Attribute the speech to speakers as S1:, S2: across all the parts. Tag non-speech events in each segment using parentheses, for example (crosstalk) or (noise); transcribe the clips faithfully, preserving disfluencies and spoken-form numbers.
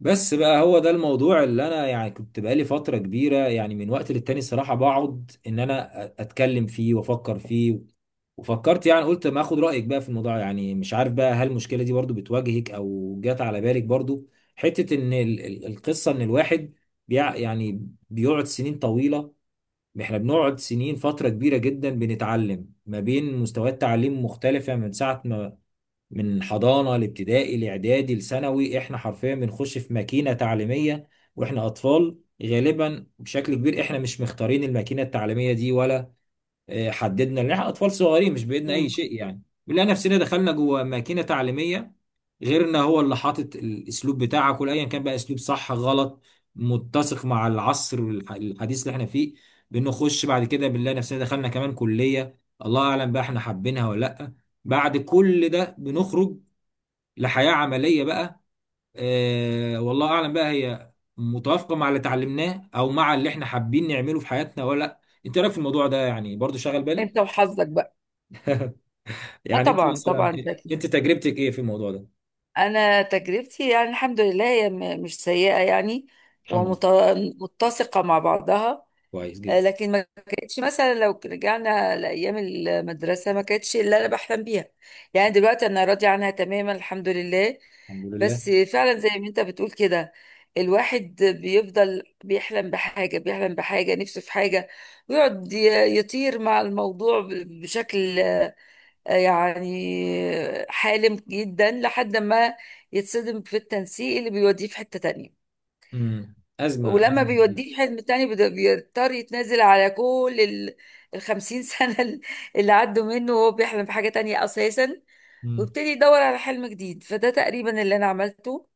S1: بس بقى هو ده الموضوع اللي انا يعني كنت بقالي فترة كبيرة، يعني من وقت للتاني الصراحة بقعد ان انا اتكلم فيه وافكر فيه. وفكرت يعني قلت ما اخد رأيك بقى في الموضوع. يعني مش عارف بقى، هل المشكلة دي برضو بتواجهك او جات على بالك برضو؟ حتة ان ال- ال- القصة ان الواحد بيع يعني بيقعد سنين طويلة. احنا بنقعد سنين فترة كبيرة جدا بنتعلم ما بين مستويات تعليم مختلفة، من ساعة ما من حضانة لابتدائي لاعدادي لثانوي. احنا حرفيا بنخش في ماكينة تعليمية واحنا اطفال. غالبا بشكل كبير احنا مش مختارين الماكينة التعليمية دي ولا آه، حددنا ان احنا اطفال صغيرين مش بايدنا اي
S2: مم.
S1: شيء. يعني بنلاقي نفسنا دخلنا جوه ماكينة تعليمية، غير ان هو اللي حاطط الاسلوب بتاعك ولا ايا كان بقى اسلوب صح غلط متسق مع العصر الح- الحديث اللي احنا فيه. بنخش بعد كده بنلاقي نفسنا دخلنا كمان كلية، الله اعلم بقى احنا حابينها ولا لا. بعد كل ده بنخرج لحياة عملية بقى. آه، والله أعلم بقى هي متوافقة مع اللي اتعلمناه أو مع اللي إحنا حابين نعمله في حياتنا ولا لأ. أنت رأيك في الموضوع ده يعني برضو شغل
S2: انت
S1: بالك؟
S2: وحظك بقى. اه،
S1: يعني أنت
S2: طبعا
S1: مثلا،
S2: طبعا
S1: أنت
S2: اكيد.
S1: تجربتك إيه في الموضوع ده؟
S2: انا تجربتي يعني الحمد لله هي م- مش سيئه يعني،
S1: الحمد لله.
S2: ومتسقه مع بعضها.
S1: كويس
S2: آه،
S1: جدا.
S2: لكن ما كانتش مثلا لو رجعنا لايام المدرسه ما كانتش اللي انا بحلم بيها. يعني دلوقتي انا راضيه عنها تماما الحمد لله.
S1: الحمد لله.
S2: بس فعلا زي ما انت بتقول كده، الواحد بيفضل بيحلم بحاجه بيحلم بحاجه نفسه في حاجه، ويقعد ي- يطير مع الموضوع ب- بشكل يعني حالم جدا لحد ما يتصدم في التنسيق اللي بيوديه في حتة تانية.
S1: امم أزمة
S2: ولما
S1: أزمة كبيرة.
S2: بيوديه في حتة تانية بد- بيضطر يتنازل على كل ال الخمسين (laughs) سنة ال- اللي عدوا منه وهو بيحلم بحاجة تانية أساسا،
S1: امم.
S2: وابتدي يدور على حلم جديد. فده تقريبا اللي أنا عملته.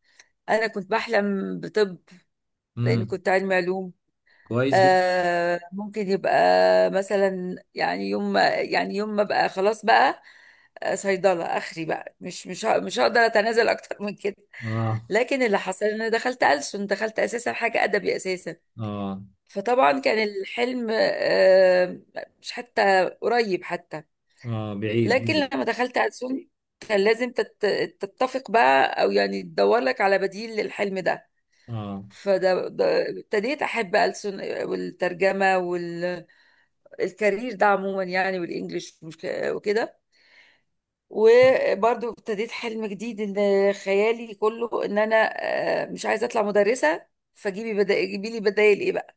S2: أنا كنت بحلم بطب لأني
S1: امم.
S2: كنت علمي علوم.
S1: كويس جدا.
S2: آه، ممكن يبقى مثلا، يعني يوم ما يعني يوم ما بقى خلاص بقى، آه، صيدلة آخري بقى، مش مش ه- مش هقدر أتنازل أكتر (laughs) من كده.
S1: آه.
S2: لكن اللي حصل إن أنا دخلت ألسن، دخلت أساسا حاجة أدبي أساسا.
S1: آه.
S2: فطبعا كان الحلم آه، مش حتى قريب حتى.
S1: آه بعيد
S2: لكن
S1: بعيد.
S2: لما دخلت ألسن كان لازم تت- تتفق بقى، أو يعني تدور لك على بديل للحلم ده.
S1: آه.
S2: فده ده- ابتديت أحب ألسن والترجمة وال الكارير ده عموما، يعني والانجليش مش ك- وكده. وبرضو ابتديت حلم جديد، ان خيالي كله ان انا آه، مش عايزه اطلع مدرسه، فجيبي بدا جيبي لي بدايل ايه بقى،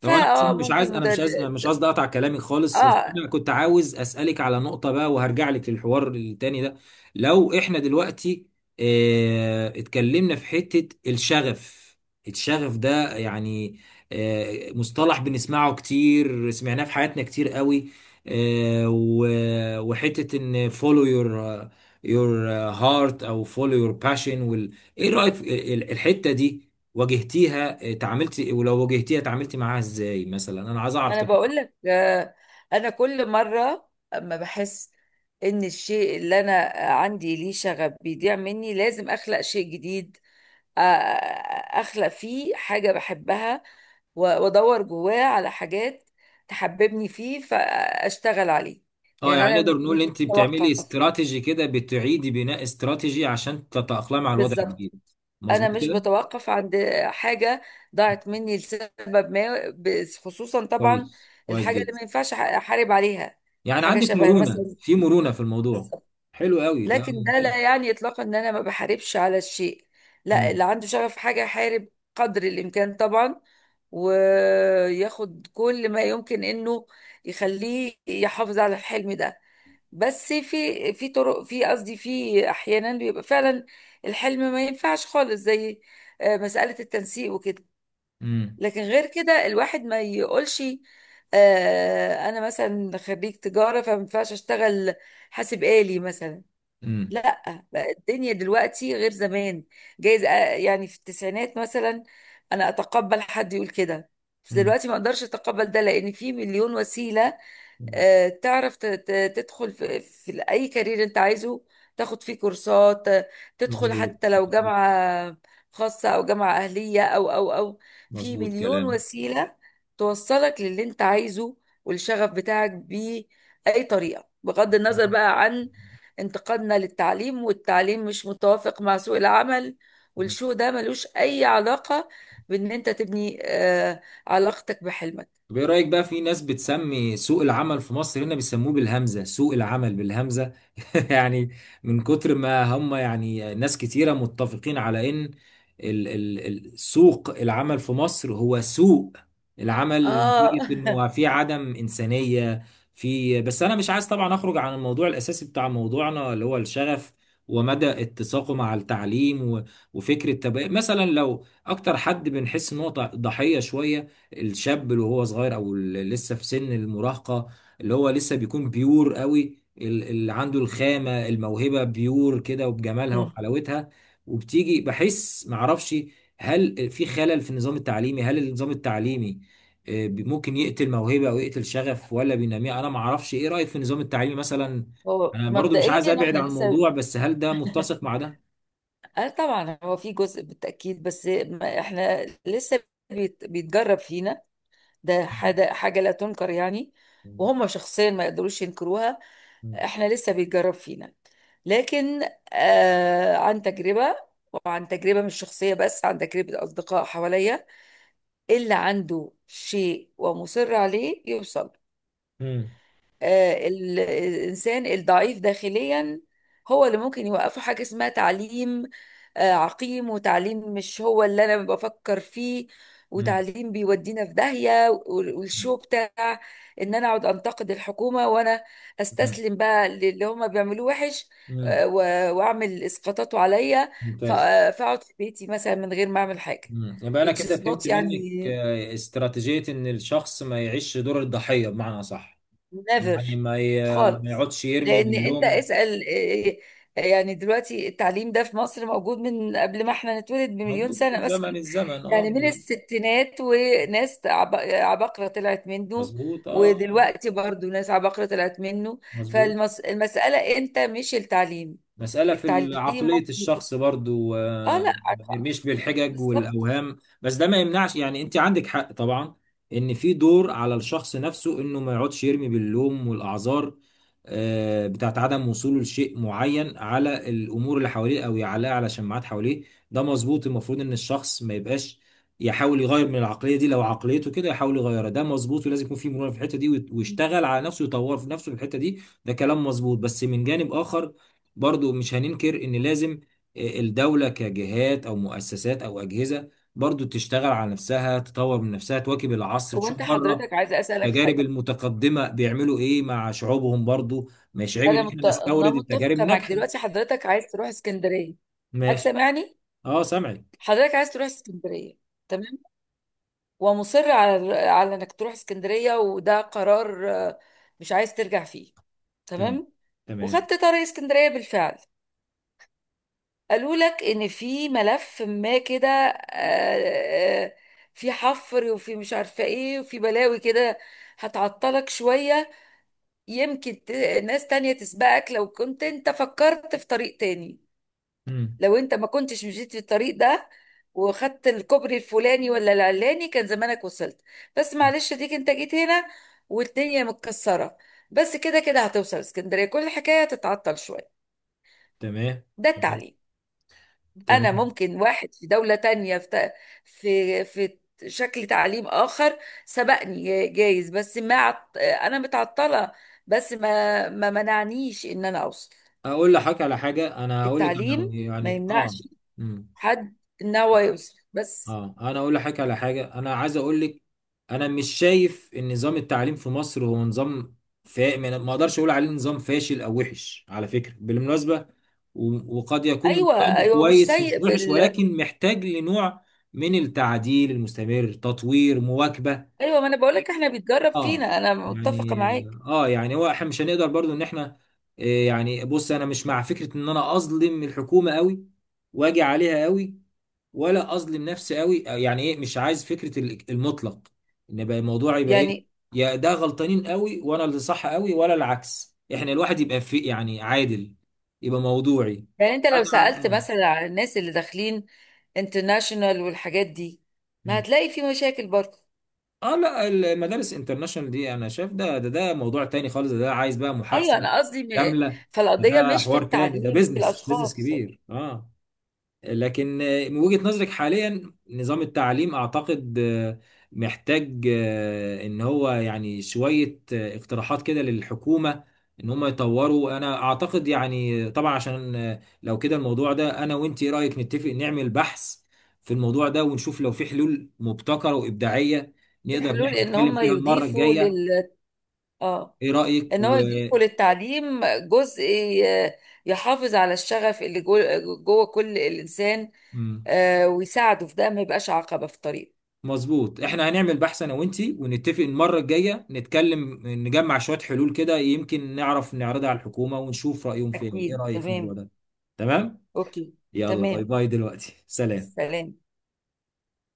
S1: طب انا عشان مش عايز
S2: ممكن
S1: انا
S2: مدرس.
S1: مش عايز مش قصدي اقطع كلامي خالص، بس
S2: اه،
S1: انا كنت عاوز اسالك على نقطه بقى وهرجع لك للحوار التاني ده. لو احنا دلوقتي اه اتكلمنا في حته الشغف. الشغف ده يعني اه مصطلح بنسمعه كتير، سمعناه في حياتنا كتير قوي. اه و- وحته ان follow your your heart او follow your passion وال... ايه رايك في ال- الحته دي؟ واجهتيها؟ آه، تعاملتي؟ ولو واجهتيها تعاملتي معاها ازاي؟ مثلا انا عايز
S2: ما
S1: اعرف
S2: انا
S1: تجربتك.
S2: بقول لك آه، انا كل مره اما بحس ان الشيء اللي انا عندي ليه شغف بيضيع مني، لازم اخلق شيء جديد، آ- اخلق فيه حاجة بحبها، و- وادور جواه على حاجات تحببني فيه فاشتغل عليه.
S1: اه
S2: يعني
S1: يعني
S2: انا
S1: نقدر
S2: مش
S1: نقول ان انت بتعملي
S2: بتوقف.
S1: استراتيجي كده، بتعيدي بناء استراتيجي عشان تتأقلمي على الوضع
S2: بالظبط،
S1: الجديد.
S2: انا
S1: مظبوط
S2: مش
S1: كده.
S2: بتوقف عند حاجة ضاعت مني لسبب ما، بس- خصوصا طبعا
S1: كويس، كويس
S2: الحاجة اللي
S1: جدا.
S2: ما ينفعش أح- احارب عليها،
S1: يعني
S2: حاجة
S1: عندك
S2: شبه
S1: مرونة
S2: مثلا.
S1: في مرونة في الموضوع. حلو قوي ده،
S2: لكن ده لا
S1: ممتاز.
S2: يعني اطلاقا ان انا ما بحاربش على الشيء. لا، اللي
S1: امم.
S2: عنده شغف في حاجه يحارب قدر الامكان طبعا، وياخد كل ما يمكن انه يخليه يحافظ على الحلم ده. بس في في طرق، في قصدي، في احيانا بيبقى فعلا الحلم ما ينفعش خالص، زي آه، مساله التنسيق وكده.
S1: امم.
S2: لكن غير كده الواحد ما يقولش آه، انا مثلا خريج تجاره فما ينفعش اشتغل حاسب آلي مثلا.
S1: امم.
S2: لا بقى الدنيا دلوقتي غير زمان، جايز آه، يعني في التسعينات مثلا انا اتقبل حد يقول كده، بس
S1: أمم.
S2: دلوقتي ما اقدرش اتقبل ده لان في مليون وسيله آه، تعرف ت- ت- تدخل في, في أي كارير أنت عايزه، تاخد فيه كورسات، آه، تدخل
S1: مظبوط.
S2: حتى لو
S1: مظبوط.
S2: جامعة خاصة أو جامعة أهلية أو أو أو في
S1: مظبوط
S2: مليون
S1: كلام.
S2: وسيلة توصلك للي أنت عايزه والشغف بتاعك بأي طريقة، بغض النظر بقى عن انتقادنا للتعليم والتعليم مش متوافق مع سوق العمل والشو ده، ملوش أي علاقة بإن أنت تبني آه، علاقتك بحلمك.
S1: طب ايه رأيك بقى في ناس بتسمي سوق العمل في مصر، هنا بيسموه بالهمزة، سوق العمل بالهمزة (laughs) يعني، من كتر ما هم، يعني ناس كتيرة متفقين على ان ال ال ال سوق العمل في مصر هو سوق العمل
S2: آه.
S1: نتيجة انه في عدم إنسانية في. بس انا مش عايز طبعا اخرج عن الموضوع الاساسي بتاع موضوعنا اللي هو الشغف ومدى اتساقه مع التعليم و- وفكرة. تبقى مثلا لو اكتر حد بنحس ان هو ضحية شوية، الشاب اللي هو صغير او اللي لسه في سن المراهقه، اللي هو لسه بيكون بيور قوي، ال- اللي عنده الخامه، الموهبه بيور كده وبجمالها
S2: (laughs)
S1: وحلاوتها. وبتيجي بحس معرفش، هل في خلل في النظام التعليمي؟ هل النظام التعليمي آه، بي- ممكن يقتل موهبه او يقتل شغف ولا بينميها؟ انا معرفش ايه رايك في النظام التعليمي مثلا.
S2: هو
S1: انا برضو مش عايز
S2: مبدئيا
S1: ابعد
S2: احنا
S1: عن
S2: لسه.
S1: الموضوع، بس هل ده متسق مع ده؟
S2: اه، طبعا هو في جزء بالتأكيد، بس ما احنا لسه بيت... بيتجرب فينا. ده حاجة حاجة لا تنكر يعني،
S1: مم.
S2: وهم شخصيا ما يقدروش ينكروها.
S1: مم.
S2: احنا لسه بيتجرب فينا. لكن آه عن تجربة، وعن تجربة مش شخصية بس عن تجربة أصدقاء حواليا، اللي عنده شيء ومصر عليه يوصل.
S1: مم.
S2: آه، ال- الإنسان الضعيف داخليا هو اللي ممكن يوقفه حاجة اسمها تعليم آه، عقيم، وتعليم مش هو اللي أنا بفكر فيه،
S1: مم.
S2: وتعليم بيودينا في داهية وال- والشو بتاع إن أنا أقعد أنتقد الحكومة وأنا
S1: مم.
S2: أستسلم بقى للي هما بيعملوه وحش،
S1: مم.
S2: آه، و- وأعمل إسقاطاته عليا، ف-
S1: ممتاز.
S2: آه، فأقعد في بيتي مثلا من غير ما أعمل حاجة،
S1: مم. يبقى انا
S2: which is
S1: كده فهمت
S2: not
S1: منك
S2: يعني
S1: آه، استراتيجية، ان الشخص ما يعيش دور الضحية، بمعنى صح. يعني
S2: نيفر
S1: ما ي- ما
S2: خالص.
S1: يقعدش يرمي
S2: لان انت
S1: باللوم.
S2: اسأل إيه، يعني دلوقتي التعليم ده في مصر موجود من قبل ما احنا نتولد بمليون
S1: موجود من
S2: سنة (laughs) مثلا.
S1: زمن الزمن، اه،
S2: يعني من
S1: مظبوط.
S2: الستينات وناس عب- عباقرة طلعت منه،
S1: مظبوط. اه، آه.
S2: ودلوقتي برضو ناس عباقرة طلعت منه.
S1: مظبوط.
S2: فالمسألة انت، مش التعليم.
S1: مسألة في
S2: التعليم
S1: عقلية
S2: ممكن،
S1: الشخص برضو.
S2: اه،
S1: آه،
S2: لا
S1: ما
S2: عارفة،
S1: نرميش بالحجج
S2: بالظبط.
S1: والأوهام، بس ده ما يمنعش، يعني أنت عندك حق طبعا. إن في دور على الشخص نفسه إنه ما يقعدش يرمي باللوم والأعذار آه، بتاعت عدم وصوله لشيء معين، على الأمور اللي حواليه، أو يعلقها على شماعات حواليه. ده مظبوط، المفروض إن الشخص ما يبقاش، يحاول يغير من العقلية دي، لو عقليته كده يحاول يغيرها. ده مظبوط، ولازم يكون في مرونة في الحتة دي، ويت- ويشتغل على نفسه، يطور في نفسه في الحتة دي. ده كلام مظبوط، بس من جانب آخر برضو مش هننكر ان لازم آه، الدولة كجهات او مؤسسات او اجهزة برضو تشتغل على نفسها، تطور من نفسها، تواكب العصر،
S2: هو
S1: تشوف
S2: انت
S1: بره
S2: حضرتك عايزة اسألك
S1: التجارب
S2: حاجة.
S1: المتقدمة بيعملوا ايه مع شعوبهم. برضو مش عيب
S2: انا
S1: ان احنا
S2: مت... انا
S1: نستورد التجارب
S2: متفقة معك.
S1: الناجحة.
S2: دلوقتي حضرتك عايز تروح اسكندرية. حضرتك
S1: ماشي.
S2: سامعني؟
S1: اه سامعك.
S2: حضرتك عايز تروح اسكندرية، تمام، ومصر على على انك تروح اسكندرية، وده قرار آه، مش عايز ترجع فيه،
S1: تمام.
S2: تمام.
S1: تمام.
S2: وخدت طريق اسكندرية بالفعل، قالوا لك ان في ملف ما كده، آه، آه، في حفر، وفي مش عارفة ايه، وفي بلاوي كده هتعطلك شوية، يمكن ت- ناس تانية تسبقك لو كنت انت فكرت في طريق تاني.
S1: مم.
S2: لو انت ما كنتش مشيت في الطريق ده، وخدت الكوبري الفلاني ولا العلاني، كان زمانك وصلت. بس معلش، ديك انت جيت هنا والدنيا متكسرة، بس كده كده هتوصل اسكندرية، كل الحكاية تتعطل شوية.
S1: تمام.
S2: ده
S1: تمام.
S2: التعليم. انا
S1: تمام.
S2: ممكن واحد في دولة تانية في ت- في في شكل تعليم اخر سبقني، جايز، بس ما عط... انا متعطلة، بس ما ما منعنيش ان انا اوصل.
S1: اقول لحضرتك على حاجة، انا هقول لك على-
S2: التعليم ما
S1: يعني اه.
S2: يمنعش
S1: مم.
S2: حد ان هو يوصل، بس.
S1: اه انا اقول لحضرتك على حاجه، انا عايز اقول لك. انا مش شايف ان نظام التعليم في مصر هو نظام فا... ما ما اقدرش اقول عليه نظام فاشل او وحش على فكره بالمناسبه. و... وقد يكون
S2: ايوه،
S1: نظام
S2: ايوه، مش
S1: كويس
S2: سيء
S1: مش وحش،
S2: بال
S1: ولكن محتاج لنوع من التعديل المستمر، تطوير، مواكبه.
S2: ايوه، ما انا بقول لك احنا بيتجرب
S1: اه،
S2: فينا، انا متفقه
S1: يعني
S2: معاك.
S1: اه يعني هو احنا مش هنقدر برضو ان احنا آه، يعني بص، انا مش مع فكره ان انا اظلم الحكومه قوي واجي عليها قوي، ولا اظلم نفسي قوي. يعني ايه، مش عايز فكره ال- المطلق، ان يبقى الموضوع يبقى ايه،
S2: يعني
S1: يا ده غلطانين قوي وانا اللي صح قوي، ولا العكس. احنا الواحد يبقى في يعني عادل، يبقى موضوعي.
S2: يعني انت
S1: انا
S2: لو
S1: ع-
S2: سالت
S1: اه
S2: مثلا على الناس اللي داخلين انترناشونال والحاجات دي، ما
S1: مم.
S2: هتلاقي في مشاكل برضه.
S1: آه، لا المدارس انترناشونال دي انا شايف ده ده ده موضوع تاني خالص. ده, ده عايز بقى
S2: ايوه،
S1: محادثه
S2: انا قصدي م...
S1: كامله. ده,
S2: فالقضيه
S1: ده
S2: مش في
S1: حوار تاني، ده
S2: التعليم، في
S1: بيزنس بيزنس
S2: الاشخاص.
S1: كبير. اه، لكن آه، من وجهة نظرك حاليا نظام التعليم اعتقد آه، محتاج آه، ان هو يعني شوية آه، اقتراحات كده للحكومة ان هم يطوروا. انا اعتقد يعني، طبعا عشان آه، لو كده الموضوع ده، انا وانت ايه رأيك نتفق نعمل بحث في الموضوع ده ونشوف لو في حلول مبتكرة وابداعية
S2: في
S1: نقدر ان
S2: حلول
S1: احنا
S2: ان
S1: نتكلم
S2: هم
S1: فيها المرة
S2: يضيفوا
S1: الجاية.
S2: لل اه
S1: ايه رأيك
S2: ان هو
S1: و...
S2: يضيفوا للتعليم جزء ي- يحافظ على الشغف اللي جوه, جوه كل الانسان،
S1: مم.
S2: آه، ويساعده في ده، ما يبقاش عقبه في طريقه.
S1: مظبوط، احنا هنعمل بحث انا وانتي ونتفق المره الجايه نتكلم نجمع شويه حلول كده، يمكن نعرف نعرضها على الحكومه ونشوف رايهم فيها. ايه
S2: أكيد،
S1: رايك في الموضوع
S2: تمام.
S1: ده؟ تمام.
S2: أوكي.
S1: يلا باي
S2: تمام.
S1: باي دلوقتي، سلام.
S2: سلام.